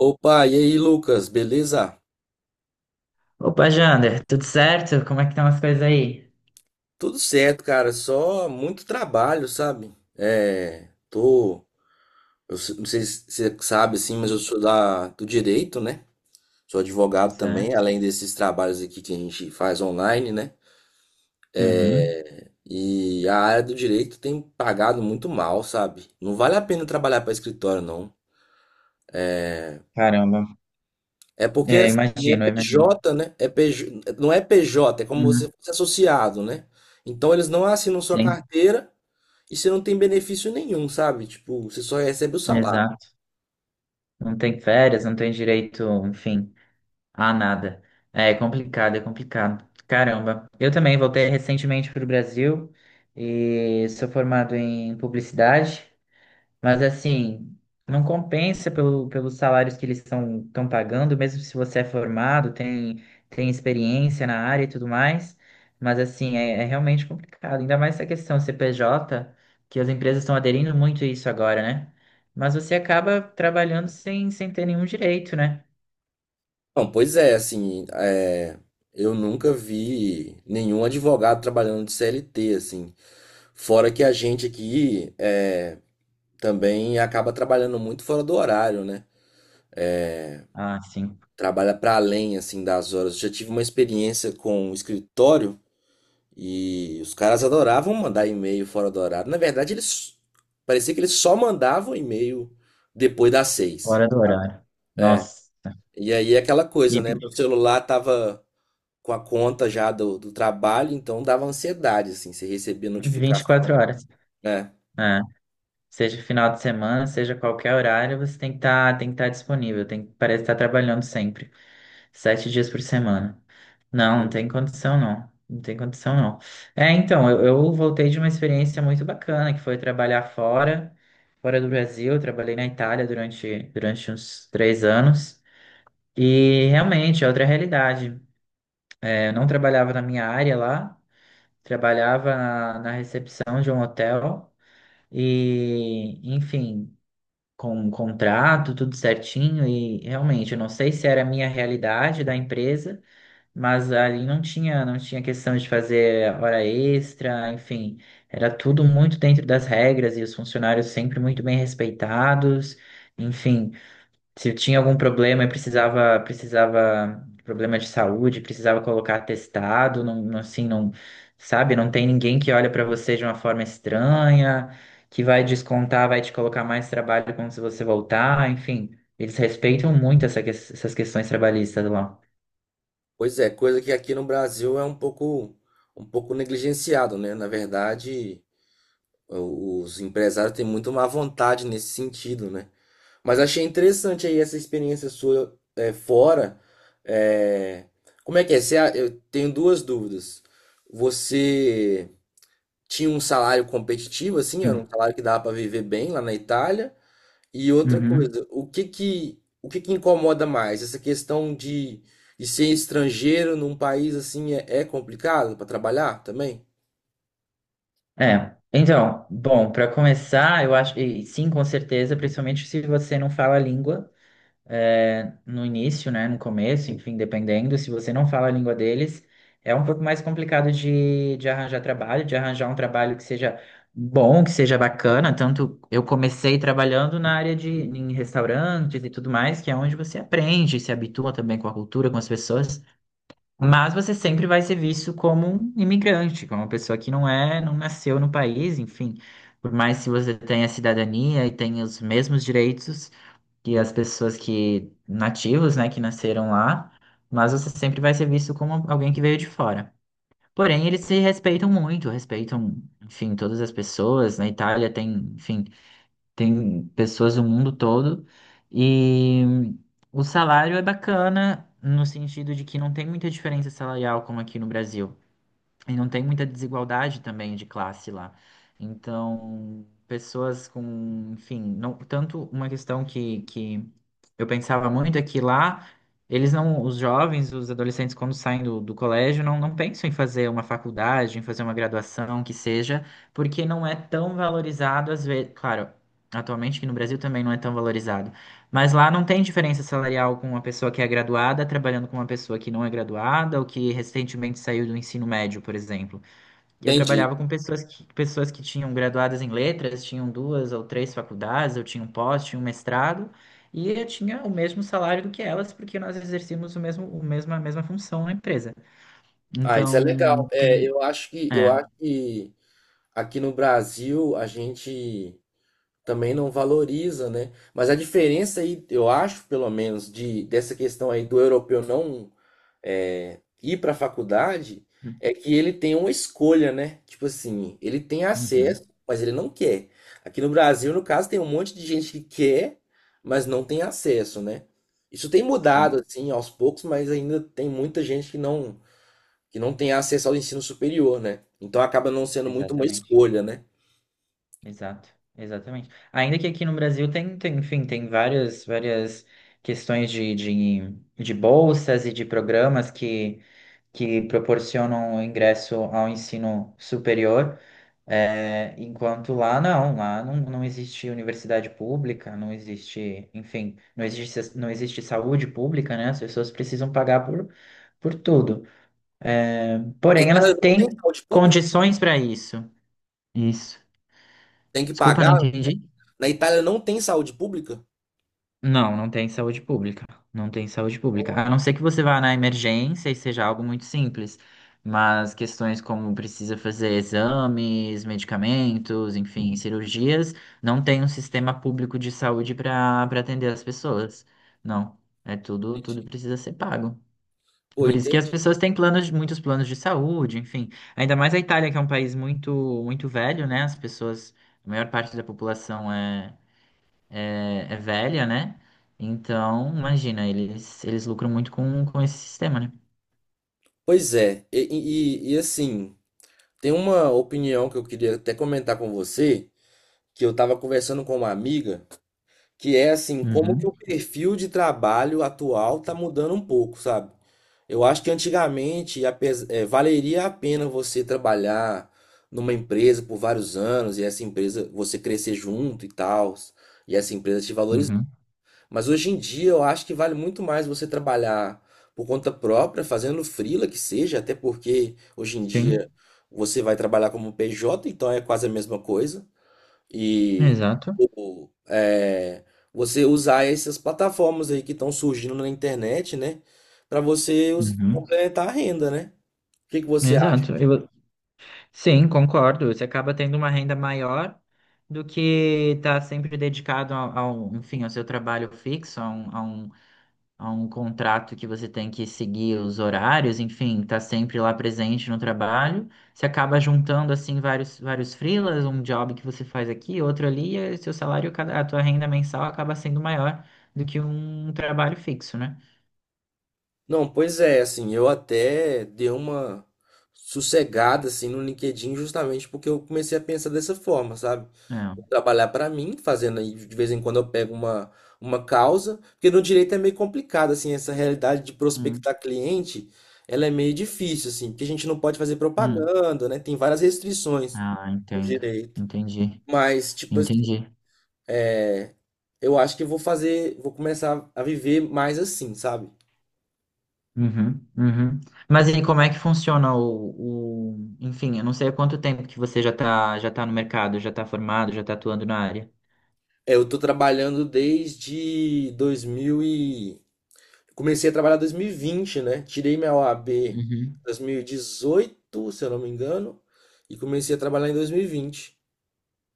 Opa, e aí, Lucas, beleza? Opa, Jander, tudo certo? Como é que estão as coisas aí? Tudo certo, cara, só muito trabalho, sabe? Não sei se você sabe assim, mas eu sou da do direito, né? Sou advogado também, Certo. além desses trabalhos aqui que a gente faz online, né? Uhum. E a área do direito tem pagado muito mal, sabe? Não vale a pena trabalhar para escritório, não. Caramba. É porque É, assim, é imagino, eu imagino. PJ, né? É PJ, não é PJ, é como você Uhum. fosse associado, né? Então eles não assinam sua Sim, carteira e você não tem benefício nenhum, sabe? Tipo, você só recebe o salário. exato. Não tem férias, não tem direito, enfim, a nada. É complicado, é complicado. Caramba. Eu também voltei recentemente para o Brasil e sou formado em publicidade. Mas assim, não compensa pelos salários que eles estão pagando, mesmo se você é formado, tem experiência na área e tudo mais. Mas assim, é realmente complicado. Ainda mais essa questão CPJ, que as empresas estão aderindo muito a isso agora, né? Mas você acaba trabalhando sem ter nenhum direito, né? Não, pois é, assim, é, eu nunca vi nenhum advogado trabalhando de CLT, assim. Fora que a gente aqui é, também acaba trabalhando muito fora do horário, né? Ah, sim. Trabalha para além, assim, das horas. Eu já tive uma experiência com um escritório. E os caras adoravam mandar e-mail fora do horário. Na verdade, eles parecia que eles só mandavam e-mail depois das seis, Fora do sabe? horário. Nossa. E aí é aquela E coisa, né? Meu celular tava com a conta já do trabalho, então dava ansiedade, assim, você recebia 24 notificação, horas. né? É. Seja final de semana, seja qualquer horário, você tem que estar disponível, tem que parece estar trabalhando sempre, 7 dias por semana. Não, não E- tem condição não, não tem condição não. É, então, eu voltei de uma experiência muito bacana, que foi trabalhar fora do Brasil, eu trabalhei na Itália durante uns 3 anos, e realmente é outra realidade. É, eu não trabalhava na minha área lá, trabalhava na recepção de um hotel, e, enfim, com um contrato, tudo certinho, e realmente, eu não sei se era a minha realidade da empresa, mas ali não tinha questão de fazer hora extra, enfim, era tudo muito dentro das regras e os funcionários sempre muito bem respeitados, enfim, se eu tinha algum problema e problema de saúde, precisava colocar atestado, assim, não, sabe, não tem ninguém que olha para você de uma forma estranha, que vai descontar, vai te colocar mais trabalho quando você voltar, enfim, eles respeitam muito essas questões trabalhistas lá. Pois é, coisa que aqui no Brasil é um pouco negligenciado, né? Na verdade, os empresários têm muito má vontade nesse sentido, né? Mas achei interessante aí essa experiência sua, fora. É, Como é que é? Eu tenho duas dúvidas. Você tinha um salário competitivo, assim, era um Hum. salário que dava para viver bem lá na Itália? E outra Uhum. coisa, o que que incomoda mais? Essa questão de ser estrangeiro num país assim, é complicado para trabalhar também? É. Então, bom, para começar, eu acho, e sim, com certeza, principalmente se você não fala a língua, é, no início, né, no começo, enfim, dependendo, se você não fala a língua deles, é um pouco mais complicado de arranjar trabalho, de arranjar um trabalho que seja bom, que seja bacana. Tanto eu comecei trabalhando na área de em restaurantes e tudo mais, que é onde você aprende, se habitua também com a cultura, com as pessoas, mas você sempre vai ser visto como um imigrante, como uma pessoa que não é, não nasceu no país, enfim. Por mais que você tenha cidadania e tenha os mesmos direitos, que as pessoas que nativos, né, que nasceram lá, mas você sempre vai ser visto como alguém que veio de fora. Porém, eles se respeitam muito, respeitam, enfim, todas as pessoas. Na Itália tem, enfim, tem pessoas do mundo todo e o salário é bacana no sentido de que não tem muita diferença salarial como aqui no Brasil. E não tem muita desigualdade também de classe lá. Então, pessoas com, enfim, não, tanto uma questão que eu pensava muito é que lá eles não, os jovens, os adolescentes, quando saem do colégio, não pensam em fazer uma faculdade, em fazer uma graduação, que seja, porque não é tão valorizado às vezes. Claro, atualmente aqui no Brasil também não é tão valorizado, mas lá não tem diferença salarial com uma pessoa que é graduada trabalhando com uma pessoa que não é graduada ou que recentemente saiu do ensino médio, por exemplo. Eu Entendi. trabalhava com pessoas que tinham graduadas em letras, tinham duas ou três faculdades, eu tinha um pós, tinha um mestrado, e eu tinha o mesmo salário do que elas, porque nós exercíamos a mesma função na empresa. Ah, isso é Então, legal. Tem. Eu É. acho que aqui no Brasil a gente também não valoriza, né? Mas a diferença aí, eu acho, pelo menos, de dessa questão aí do europeu não ir para a faculdade, é que ele tem uma escolha, né? Tipo assim, ele tem Uhum. acesso, mas ele não quer. Aqui no Brasil, no caso, tem um monte de gente que quer, mas não tem acesso, né? Isso tem Sim, mudado, assim, aos poucos, mas ainda tem muita gente que não tem acesso ao ensino superior, né? Então acaba não sendo muito uma exatamente. escolha, né? Exato, exatamente. Ainda que aqui no Brasil enfim, tem várias questões de bolsas e de programas que proporcionam o ingresso ao ensino superior, é, enquanto lá não existe universidade pública, não existe, enfim, não existe saúde pública, né? As pessoas precisam pagar por tudo. É, A porém, elas Itália não tem têm saúde pública? condições para isso. Isso. Tem que Desculpa, não pagar? entendi. Na Itália não tem saúde pública? Não, não tem saúde pública. Não tem saúde pública. A não ser que você vá na emergência e seja algo muito simples. Mas questões como precisa fazer exames, medicamentos, enfim, cirurgias, não tem um sistema público de saúde para atender as pessoas. Não. É tudo, tudo Entendi. precisa ser pago. Pô, Por isso que as entendi. pessoas têm planos, muitos planos de saúde, enfim. Ainda mais a Itália, que é um país muito, muito velho, né? As pessoas, a maior parte da população é velha, né? Então, imagina, eles lucram muito com esse sistema, né? Pois é, e, assim, tem uma opinião que eu queria até comentar com você, que eu estava conversando com uma amiga, que é assim, como que Uhum, o perfil de trabalho atual tá mudando um pouco, sabe? Eu acho que valeria a pena você trabalhar numa empresa por vários anos e essa empresa você crescer junto e tal, e essa empresa te valorizar. uhum. Mas hoje em dia eu acho que vale muito mais você trabalhar por conta própria, fazendo freela que seja, até porque hoje em dia Sim, você vai trabalhar como PJ, então é quase a mesma coisa. E exato. tipo, é, você usar essas plataformas aí que estão surgindo na internet, né? Para Uhum. complementar a renda, né? O que que você acha? Exato. Sim, concordo. Você acaba tendo uma renda maior do que tá sempre dedicado enfim, ao seu trabalho fixo, um, a um contrato que você tem que seguir os horários, enfim, tá sempre lá presente no trabalho. Você acaba juntando assim vários freelas, um job que você faz aqui, outro ali, e seu salário, cada- a tua renda mensal acaba sendo maior do que um trabalho fixo, né? Não, pois é, assim, eu até dei uma sossegada assim no LinkedIn justamente porque eu comecei a pensar dessa forma, sabe? Vou É. trabalhar para mim, fazendo aí de vez em quando eu pego uma causa, porque no direito é meio complicado assim, essa realidade de Hum, prospectar cliente, ela é meio difícil assim, porque a gente não pode fazer hum. propaganda, né? Tem várias restrições Ah, no entendo. direito. Entendi. Mas tipo assim, Entendi. é, eu acho que eu vou fazer, vou começar a viver mais assim, sabe? Uhum, uhum. Mas e como é que funciona Enfim, eu não sei há quanto tempo que você já tá no mercado, já tá formado, já tá atuando na área. Eu tô trabalhando desde 2000 e... Comecei a trabalhar em 2020, né? Tirei minha OAB em 2018, se eu não me engano, e comecei a trabalhar em 2020.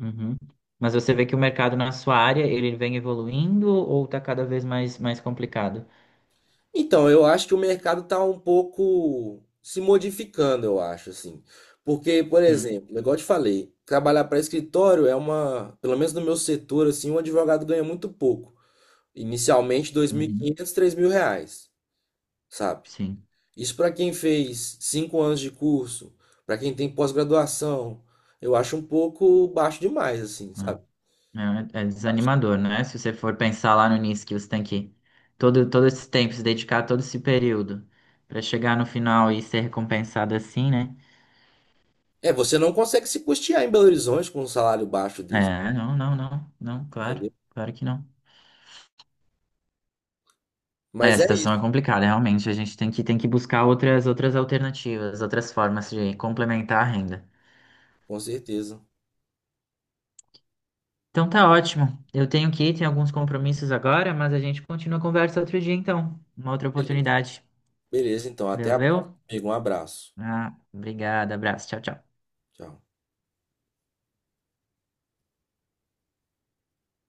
Uhum. Mas você vê que o mercado na sua área, ele vem evoluindo ou tá cada vez mais complicado? Então, eu acho que o mercado tá um pouco se modificando, eu acho, assim. Porque, por Hum. exemplo, igual eu te falei, trabalhar para escritório é uma, pelo menos no meu setor, assim, um advogado ganha muito pouco. Inicialmente, 2.500, mil e Uhum. quinhentos, três mil reais, sabe? Sim. Isso para quem fez 5 anos de curso, para quem tem pós-graduação, eu acho um pouco baixo demais, assim, sabe? É, é Baixo. desanimador, né? Se você for pensar lá no início que você tem que todo esse tempo, se dedicar a todo esse período para chegar no final e ser recompensado assim, né? É, você não consegue se custear em Belo Horizonte com um salário baixo desse, É, não, não, não, não, claro, entendeu? claro que não. É, a Mas é situação é isso, complicada, realmente. A gente tem que buscar outras alternativas, outras formas de complementar a renda. com certeza. Então tá ótimo. Eu tenho que ir, tenho alguns compromissos agora, mas a gente continua a conversa outro dia, então. Uma outra Beleza. oportunidade. Beleza, então, até a próxima, Valeu? amigo. Um abraço. Ah, obrigado, abraço. Tchau, tchau. Tchau.